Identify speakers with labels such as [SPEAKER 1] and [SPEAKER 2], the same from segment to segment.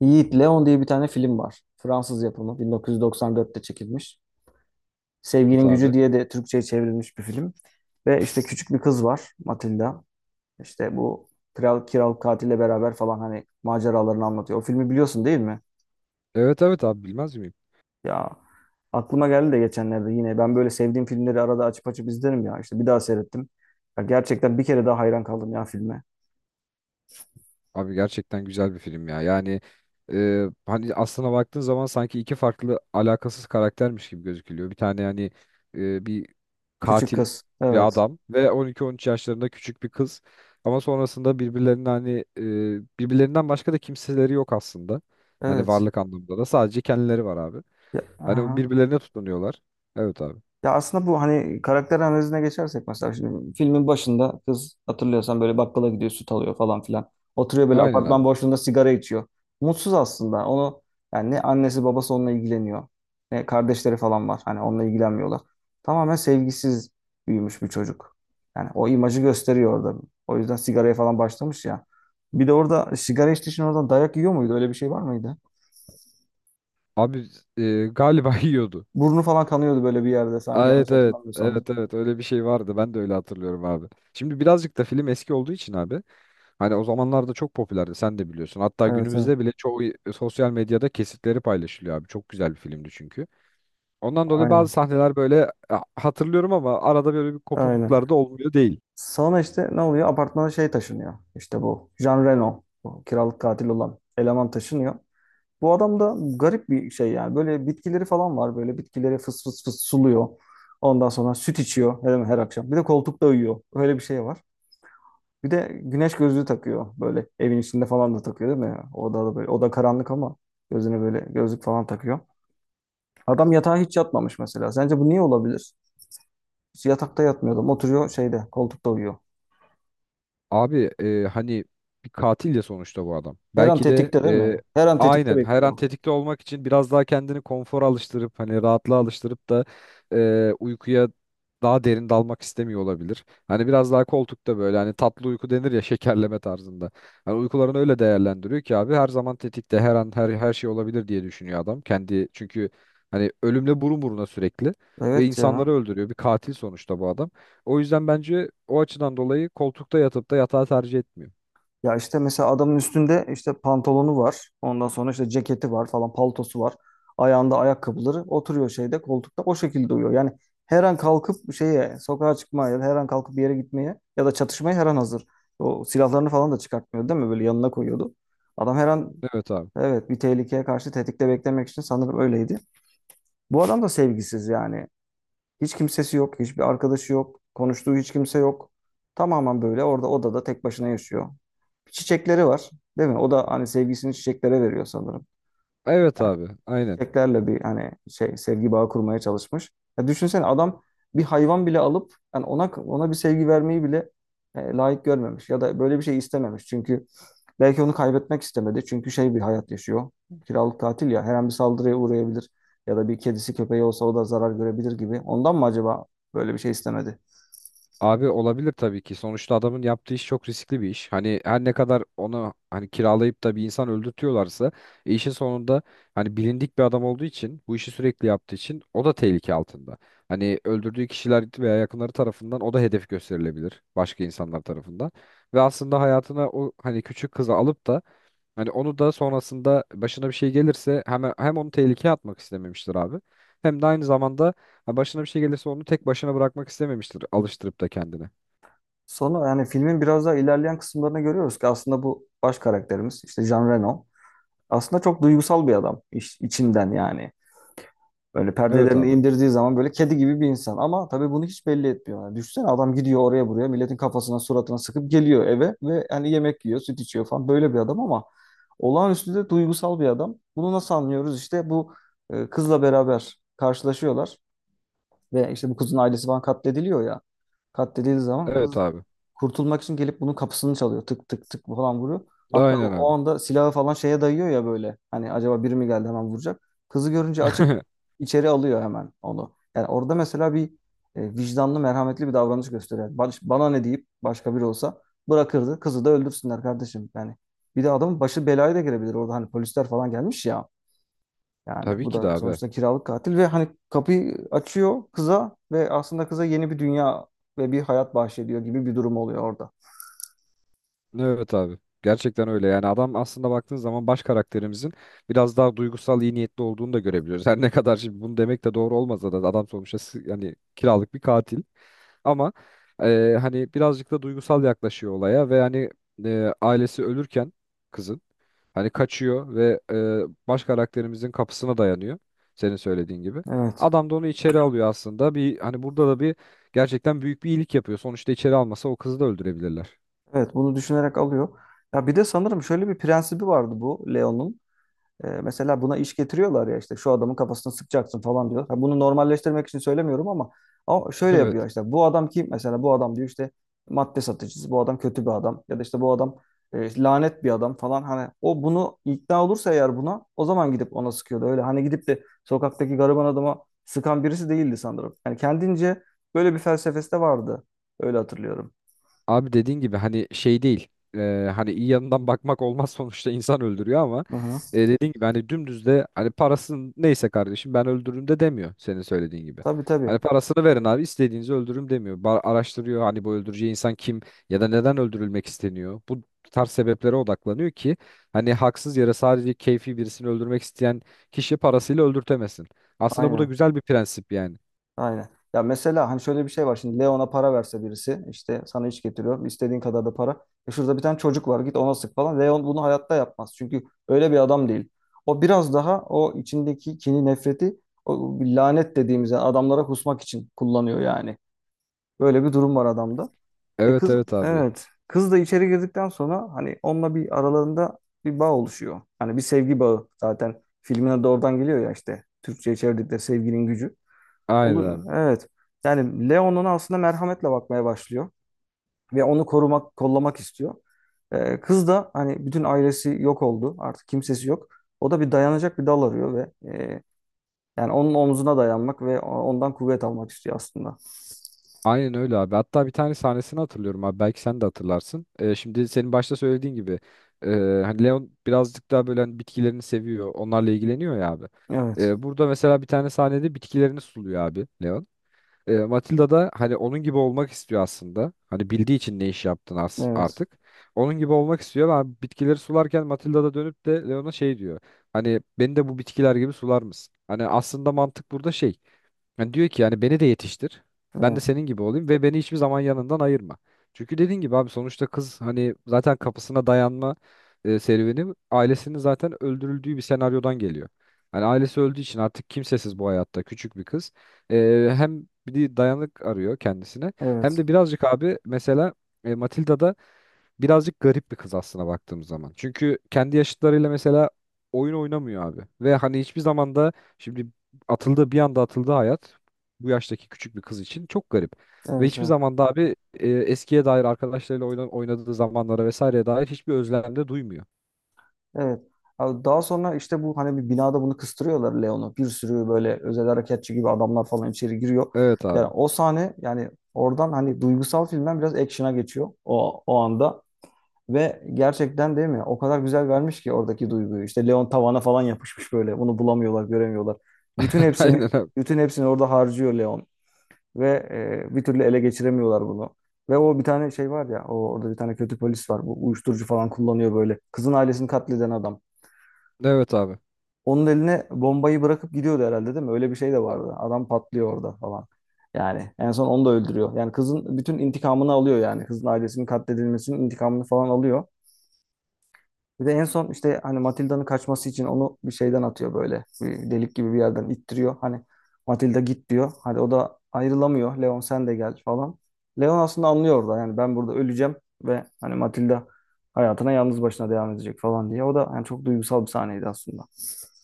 [SPEAKER 1] Yiğit Leon diye bir tane film var. Fransız yapımı 1994'te çekilmiş.
[SPEAKER 2] Evet
[SPEAKER 1] Sevginin Gücü
[SPEAKER 2] abi.
[SPEAKER 1] diye de Türkçe'ye çevrilmiş bir film. Ve işte küçük bir kız var Matilda. İşte bu kral kiral katille beraber falan hani maceralarını anlatıyor. O filmi biliyorsun değil mi?
[SPEAKER 2] Evet evet abi bilmez miyim?
[SPEAKER 1] Ya aklıma geldi de geçenlerde yine ben böyle sevdiğim filmleri arada açıp izlerim ya. İşte bir daha seyrettim. Ya gerçekten bir kere daha hayran kaldım ya filme.
[SPEAKER 2] Abi gerçekten güzel bir film ya. Yani hani aslına baktığın zaman sanki iki farklı alakasız karaktermiş gibi gözükülüyor. Bir tane yani bir
[SPEAKER 1] Küçük
[SPEAKER 2] katil
[SPEAKER 1] kız.
[SPEAKER 2] bir
[SPEAKER 1] Evet.
[SPEAKER 2] adam ve 12-13 yaşlarında küçük bir kız. Ama sonrasında birbirlerinin hani birbirlerinden başka da kimseleri yok aslında. Hani
[SPEAKER 1] Evet.
[SPEAKER 2] varlık anlamında da sadece kendileri var abi.
[SPEAKER 1] Ya,
[SPEAKER 2] Hani
[SPEAKER 1] aha.
[SPEAKER 2] birbirlerine tutunuyorlar. Evet abi.
[SPEAKER 1] Ya aslında bu hani karakter analizine geçersek mesela şimdi filmin başında kız hatırlıyorsan böyle bakkala gidiyor süt alıyor falan filan. Oturuyor böyle
[SPEAKER 2] Aynen
[SPEAKER 1] apartman
[SPEAKER 2] abi.
[SPEAKER 1] boşluğunda sigara içiyor. Mutsuz aslında onu yani ne annesi babası onunla ilgileniyor ne kardeşleri falan var hani onunla ilgilenmiyorlar. Tamamen sevgisiz büyümüş bir çocuk. Yani o imajı gösteriyor orada. O yüzden sigaraya falan başlamış ya. Bir de orada sigara içtiği için oradan dayak yiyor muydu? Öyle bir şey var mıydı?
[SPEAKER 2] Abi galiba yiyordu.
[SPEAKER 1] Burnu falan kanıyordu böyle bir yerde sanki
[SPEAKER 2] Aa,
[SPEAKER 1] yanlış
[SPEAKER 2] evet evet.
[SPEAKER 1] hatırlamıyorsam.
[SPEAKER 2] Evet evet öyle bir şey vardı. Ben de öyle hatırlıyorum abi. Şimdi birazcık da film eski olduğu için abi. Hani o zamanlarda çok popülerdi, sen de biliyorsun. Hatta
[SPEAKER 1] Evet evet
[SPEAKER 2] günümüzde bile çoğu sosyal medyada kesitleri paylaşılıyor abi. Çok güzel bir filmdi çünkü. Ondan dolayı
[SPEAKER 1] aynen.
[SPEAKER 2] bazı sahneler böyle hatırlıyorum ama arada böyle bir kopukluklar
[SPEAKER 1] Aynen.
[SPEAKER 2] da olmuyor değil.
[SPEAKER 1] Sonra işte ne oluyor? Apartmana şey taşınıyor. İşte bu Jean Reno, bu kiralık katil olan eleman taşınıyor. Bu adam da garip bir şey yani. Böyle bitkileri falan var. Böyle bitkileri fıs fıs fıs suluyor. Ondan sonra süt içiyor her akşam. Bir de koltukta uyuyor. Öyle bir şey var. Bir de güneş gözlüğü takıyor. Böyle evin içinde falan da takıyor değil mi? Odada böyle. Oda karanlık ama gözüne böyle gözlük falan takıyor. Adam yatağa hiç yatmamış mesela. Sence bu niye olabilir? Hiç yatakta yatmıyordu. Oturuyor şeyde koltukta uyuyor.
[SPEAKER 2] Abi hani bir katil ya sonuçta bu adam.
[SPEAKER 1] Her an
[SPEAKER 2] Belki de
[SPEAKER 1] tetikte değil mi? Her an tetikte
[SPEAKER 2] aynen her
[SPEAKER 1] bekliyor.
[SPEAKER 2] an tetikte olmak için biraz daha kendini konfora alıştırıp hani rahatlığa alıştırıp da uykuya daha derin dalmak istemiyor olabilir. Hani biraz daha koltukta böyle hani tatlı uyku denir ya, şekerleme tarzında. Hani uykularını öyle değerlendiriyor ki abi, her zaman tetikte, her an her şey olabilir diye düşünüyor adam. Kendi çünkü hani ölümle burun buruna sürekli ve
[SPEAKER 1] Evet ya.
[SPEAKER 2] insanları öldürüyor. Bir katil sonuçta bu adam. O yüzden bence o açıdan dolayı koltukta yatıp da yatağı tercih etmiyor.
[SPEAKER 1] Ya işte mesela adamın üstünde işte pantolonu var. Ondan sonra işte ceketi var falan, paltosu var. Ayağında ayakkabıları. Oturuyor şeyde koltukta o şekilde uyuyor. Yani her an kalkıp şeye sokağa çıkmaya ya da her an kalkıp bir yere gitmeye ya da çatışmaya her an hazır. O silahlarını falan da çıkartmıyor değil mi? Böyle yanına koyuyordu. Adam her an
[SPEAKER 2] Evet abi.
[SPEAKER 1] evet bir tehlikeye karşı tetikte beklemek için sanırım öyleydi. Bu adam da sevgisiz yani. Hiç kimsesi yok, hiçbir arkadaşı yok, konuştuğu hiç kimse yok. Tamamen böyle orada odada tek başına yaşıyor. Çiçekleri var, değil mi? O da hani sevgisini çiçeklere veriyor sanırım
[SPEAKER 2] Evet abi. Aynen.
[SPEAKER 1] çiçeklerle bir hani şey sevgi bağı kurmaya çalışmış. Ya düşünsene adam bir hayvan bile alıp yani ona bir sevgi vermeyi bile layık görmemiş ya da böyle bir şey istememiş. Çünkü belki onu kaybetmek istemedi. Çünkü şey bir hayat yaşıyor. Kiralık tatil ya her an bir saldırıya uğrayabilir ya da bir kedisi köpeği olsa o da zarar görebilir gibi. Ondan mı acaba böyle bir şey istemedi?
[SPEAKER 2] Abi olabilir tabii ki. Sonuçta adamın yaptığı iş çok riskli bir iş. Hani her ne kadar onu hani kiralayıp da bir insan öldürtüyorlarsa işin sonunda hani bilindik bir adam olduğu için, bu işi sürekli yaptığı için o da tehlike altında. Hani öldürdüğü kişiler veya yakınları tarafından o da hedef gösterilebilir, başka insanlar tarafından. Ve aslında hayatına o hani küçük kızı alıp da hani onu da sonrasında başına bir şey gelirse hem onu tehlikeye atmak istememiştir abi. Hem de aynı zamanda ha, başına bir şey gelirse onu tek başına bırakmak istememiştir, alıştırıp da kendine.
[SPEAKER 1] Sonra yani filmin biraz daha ilerleyen kısımlarını görüyoruz ki aslında bu baş karakterimiz işte Jean Reno aslında çok duygusal bir adam içinden yani. Böyle
[SPEAKER 2] Evet
[SPEAKER 1] perdelerini
[SPEAKER 2] abi.
[SPEAKER 1] indirdiği zaman böyle kedi gibi bir insan ama tabii bunu hiç belli etmiyor. Yani düşünsene adam gidiyor oraya buraya milletin kafasına suratına sıkıp geliyor eve ve yani yemek yiyor süt içiyor falan böyle bir adam ama olağanüstü de duygusal bir adam. Bunu nasıl anlıyoruz? İşte bu kızla beraber karşılaşıyorlar. Ve işte bu kızın ailesi falan katlediliyor ya. Katledildiği zaman
[SPEAKER 2] Evet
[SPEAKER 1] kız
[SPEAKER 2] abi.
[SPEAKER 1] kurtulmak için gelip bunun kapısını çalıyor. Tık tık tık falan vuruyor. Hatta o
[SPEAKER 2] Aynen
[SPEAKER 1] o
[SPEAKER 2] abi.
[SPEAKER 1] anda silahı falan şeye dayıyor ya böyle. Hani acaba biri mi geldi hemen vuracak. Kızı görünce açıp içeri alıyor hemen onu. Yani orada mesela bir vicdanlı, merhametli bir davranış gösteriyor. Yani bana ne deyip başka biri olsa bırakırdı. Kızı da öldürsünler kardeşim. Yani bir de adamın başı belaya da girebilir orada. Hani polisler falan gelmiş ya. Yani
[SPEAKER 2] Tabii
[SPEAKER 1] bu
[SPEAKER 2] ki de
[SPEAKER 1] da
[SPEAKER 2] abi.
[SPEAKER 1] sonuçta kiralık katil ve hani kapıyı açıyor kıza ve aslında kıza yeni bir dünya ve bir hayat bahşediyor gibi bir durum oluyor orada.
[SPEAKER 2] Evet abi. Gerçekten öyle. Yani adam aslında baktığın zaman baş karakterimizin biraz daha duygusal, iyi niyetli olduğunu da görebiliyoruz. Her ne kadar şimdi bunu demek de doğru olmasa da adam sonuçta s- yani kiralık bir katil. Ama hani birazcık da duygusal yaklaşıyor olaya ve hani ailesi ölürken kızın hani kaçıyor ve baş karakterimizin kapısına dayanıyor. Senin söylediğin gibi.
[SPEAKER 1] Evet.
[SPEAKER 2] Adam da onu içeri alıyor aslında. Bir hani burada da bir gerçekten büyük bir iyilik yapıyor. Sonuçta içeri almasa o kızı da öldürebilirler.
[SPEAKER 1] Evet bunu düşünerek alıyor. Ya bir de sanırım şöyle bir prensibi vardı bu Leon'un. E, mesela buna iş getiriyorlar ya işte şu adamın kafasını sıkacaksın falan diyor. Ha, bunu normalleştirmek için söylemiyorum ama şöyle yapıyor
[SPEAKER 2] Evet.
[SPEAKER 1] işte bu adam kim mesela bu adam diyor işte madde satıcısı bu adam kötü bir adam ya da işte bu adam lanet bir adam falan hani o bunu ikna olursa eğer buna o zaman gidip ona sıkıyordu öyle hani gidip de sokaktaki gariban adama sıkan birisi değildi sanırım. Yani kendince böyle bir felsefesi de vardı öyle hatırlıyorum.
[SPEAKER 2] Abi dediğin gibi hani şey değil. Hani iyi yanından bakmak olmaz sonuçta insan öldürüyor ama
[SPEAKER 1] Hı hı.
[SPEAKER 2] dediğin gibi hani dümdüz de hani parasını neyse kardeşim ben öldürürüm de demiyor, senin söylediğin gibi.
[SPEAKER 1] Tabii tabii
[SPEAKER 2] Hani parasını verin abi istediğinizi öldürürüm demiyor. Ba- araştırıyor hani bu öldüreceği insan kim ya da neden öldürülmek isteniyor. Bu tarz sebeplere odaklanıyor ki hani haksız yere sadece keyfi birisini öldürmek isteyen kişi parasıyla öldürtemesin. Aslında bu da
[SPEAKER 1] aynen.
[SPEAKER 2] güzel bir prensip yani.
[SPEAKER 1] Aynen. Ya mesela hani şöyle bir şey var. Şimdi Leon'a para verse birisi işte sana iş getiriyorum. İstediğin kadar da para. E şurada bir tane çocuk var git ona sık falan. Leon bunu hayatta yapmaz. Çünkü öyle bir adam değil. O biraz daha o içindeki kini nefreti o lanet dediğimiz yani adamlara kusmak için kullanıyor yani. Böyle bir durum var adamda. E
[SPEAKER 2] Evet
[SPEAKER 1] kız
[SPEAKER 2] evet abi.
[SPEAKER 1] evet. Kız da içeri girdikten sonra hani onunla bir aralarında bir bağ oluşuyor. Hani bir sevgi bağı zaten filmine de oradan geliyor ya işte. Türkçe'ye çevirdikleri sevginin gücü.
[SPEAKER 2] Aynen
[SPEAKER 1] Oluyor.
[SPEAKER 2] abi.
[SPEAKER 1] Evet. Yani Leon'un aslında merhametle bakmaya başlıyor ve onu korumak, kollamak istiyor. Kız da hani bütün ailesi yok oldu. Artık kimsesi yok. O da bir dayanacak bir dal arıyor ve yani onun omzuna dayanmak ve ondan kuvvet almak istiyor aslında.
[SPEAKER 2] Aynen öyle abi. Hatta bir tane sahnesini hatırlıyorum abi. Belki sen de hatırlarsın. Şimdi senin başta söylediğin gibi e, hani Leon birazcık daha böyle hani bitkilerini seviyor. Onlarla ilgileniyor ya abi.
[SPEAKER 1] Evet.
[SPEAKER 2] Burada mesela bir tane sahnede bitkilerini suluyor abi Leon. Matilda da hani onun gibi olmak istiyor aslında. Hani bildiği için ne iş yaptın
[SPEAKER 1] Evet.
[SPEAKER 2] artık. Onun gibi olmak istiyor ama bitkileri sularken Matilda da dönüp de Leon'a şey diyor. Hani beni de bu bitkiler gibi sular mısın? Hani aslında mantık burada şey. Yani diyor ki yani beni de yetiştir. Ben de
[SPEAKER 1] Evet.
[SPEAKER 2] senin gibi olayım ve beni hiçbir zaman yanından ayırma. Çünkü dediğin gibi abi sonuçta kız hani zaten kapısına dayanma serüveni ailesinin zaten öldürüldüğü bir senaryodan geliyor. Hani ailesi öldüğü için artık kimsesiz bu hayatta küçük bir kız. E, hem bir dayanık arıyor kendisine
[SPEAKER 1] Evet.
[SPEAKER 2] hem
[SPEAKER 1] Evet.
[SPEAKER 2] de birazcık abi mesela Matilda'da birazcık garip bir kız aslına baktığımız zaman. Çünkü kendi yaşıtlarıyla mesela oyun oynamıyor abi. Ve hani hiçbir zaman da şimdi atıldı, bir anda atıldı hayat, bu yaştaki küçük bir kız için çok garip. Ve hiçbir
[SPEAKER 1] Evet.
[SPEAKER 2] zaman da abi eskiye dair arkadaşlarıyla oyna- oynadığı zamanlara vesaireye dair hiçbir özlem de duymuyor.
[SPEAKER 1] Evet. Abi daha sonra işte bu hani bir binada bunu kıstırıyorlar Leon'u. Bir sürü böyle özel harekatçı gibi adamlar falan içeri giriyor.
[SPEAKER 2] Evet
[SPEAKER 1] Yani
[SPEAKER 2] abi.
[SPEAKER 1] o sahne yani oradan hani duygusal filmden biraz action'a geçiyor o anda. Ve gerçekten değil mi? O kadar güzel vermiş ki oradaki duyguyu. İşte Leon tavana falan yapışmış böyle. Bunu bulamıyorlar, göremiyorlar. Bütün
[SPEAKER 2] Aynen
[SPEAKER 1] hepsini
[SPEAKER 2] abi.
[SPEAKER 1] bütün hepsini orada harcıyor Leon. Ve bir türlü ele geçiremiyorlar bunu. Ve o bir tane şey var ya, orada bir tane kötü polis var. Bu uyuşturucu falan kullanıyor böyle. Kızın ailesini katleden adam.
[SPEAKER 2] Evet abi.
[SPEAKER 1] Onun eline bombayı bırakıp gidiyordu herhalde değil mi? Öyle bir şey de vardı. Adam patlıyor orada falan. Yani en son onu da öldürüyor. Yani kızın bütün intikamını alıyor yani. Kızın ailesinin katledilmesinin intikamını falan alıyor. Bir de en son işte hani Matilda'nın kaçması için onu bir şeyden atıyor böyle. Bir delik gibi bir yerden ittiriyor. Hani Matilda git diyor. Hadi o da ayrılamıyor. Leon sen de gel falan. Leon aslında anlıyor orada yani ben burada öleceğim ve hani Matilda hayatına yalnız başına devam edecek falan diye. O da yani çok duygusal bir sahneydi aslında.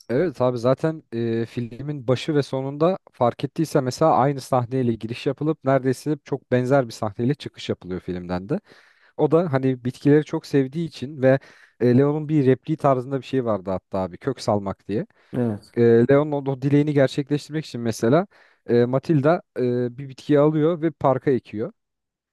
[SPEAKER 2] Evet abi, zaten filmin başı ve sonunda fark ettiyse mesela aynı sahneyle giriş yapılıp neredeyse çok benzer bir sahneyle çıkış yapılıyor filmden de. O da hani bitkileri çok sevdiği için ve Leon'un bir repliği tarzında bir şey vardı hatta abi, kök salmak diye.
[SPEAKER 1] Evet.
[SPEAKER 2] E, Leon'un o dileğini gerçekleştirmek için mesela Matilda bir bitkiyi alıyor ve parka ekiyor.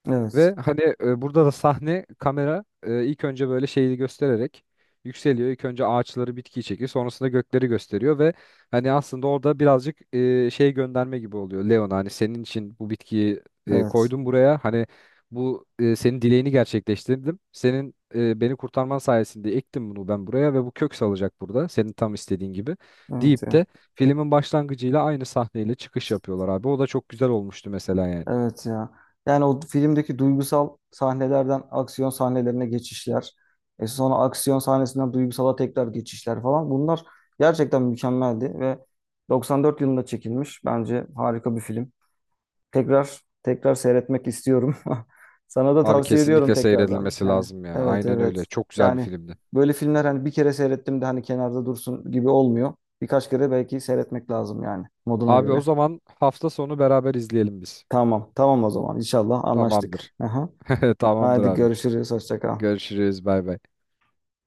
[SPEAKER 1] Evet.
[SPEAKER 2] Ve hani burada da sahne kamera ilk önce böyle şeyi göstererek yükseliyor. İlk önce ağaçları, bitkiyi çekiyor. Sonrasında gökleri gösteriyor ve hani aslında orada birazcık şey gönderme gibi oluyor. Leon, hani senin için bu bitkiyi
[SPEAKER 1] Evet.
[SPEAKER 2] koydum buraya. Hani bu senin dileğini gerçekleştirdim. Senin beni kurtarman sayesinde ektim bunu ben buraya ve bu kök salacak burada, senin tam istediğin gibi
[SPEAKER 1] Evet.
[SPEAKER 2] deyip
[SPEAKER 1] Evet.
[SPEAKER 2] de filmin başlangıcıyla aynı sahneyle çıkış yapıyorlar abi. O da çok güzel olmuştu mesela yani.
[SPEAKER 1] Evet ya. Yani o filmdeki duygusal sahnelerden aksiyon sahnelerine geçişler. E sonra aksiyon sahnesinden duygusala tekrar geçişler falan. Bunlar gerçekten mükemmeldi ve 94 yılında çekilmiş. Bence harika bir film. Tekrar tekrar seyretmek istiyorum. Sana da
[SPEAKER 2] Abi
[SPEAKER 1] tavsiye ediyorum
[SPEAKER 2] kesinlikle
[SPEAKER 1] tekrardan.
[SPEAKER 2] seyredilmesi
[SPEAKER 1] Yani
[SPEAKER 2] lazım ya.
[SPEAKER 1] evet
[SPEAKER 2] Aynen öyle.
[SPEAKER 1] evet.
[SPEAKER 2] Çok güzel bir
[SPEAKER 1] Yani
[SPEAKER 2] filmdi.
[SPEAKER 1] böyle filmler hani bir kere seyrettim de hani kenarda dursun gibi olmuyor. Birkaç kere belki seyretmek lazım yani moduna
[SPEAKER 2] Abi o
[SPEAKER 1] göre.
[SPEAKER 2] zaman hafta sonu beraber izleyelim biz.
[SPEAKER 1] Tamam, tamam o zaman. İnşallah
[SPEAKER 2] Tamamdır.
[SPEAKER 1] anlaştık. Aha.
[SPEAKER 2] Tamamdır
[SPEAKER 1] Haydi
[SPEAKER 2] abi.
[SPEAKER 1] görüşürüz. Hoşça kal.
[SPEAKER 2] Görüşürüz. Bay bay.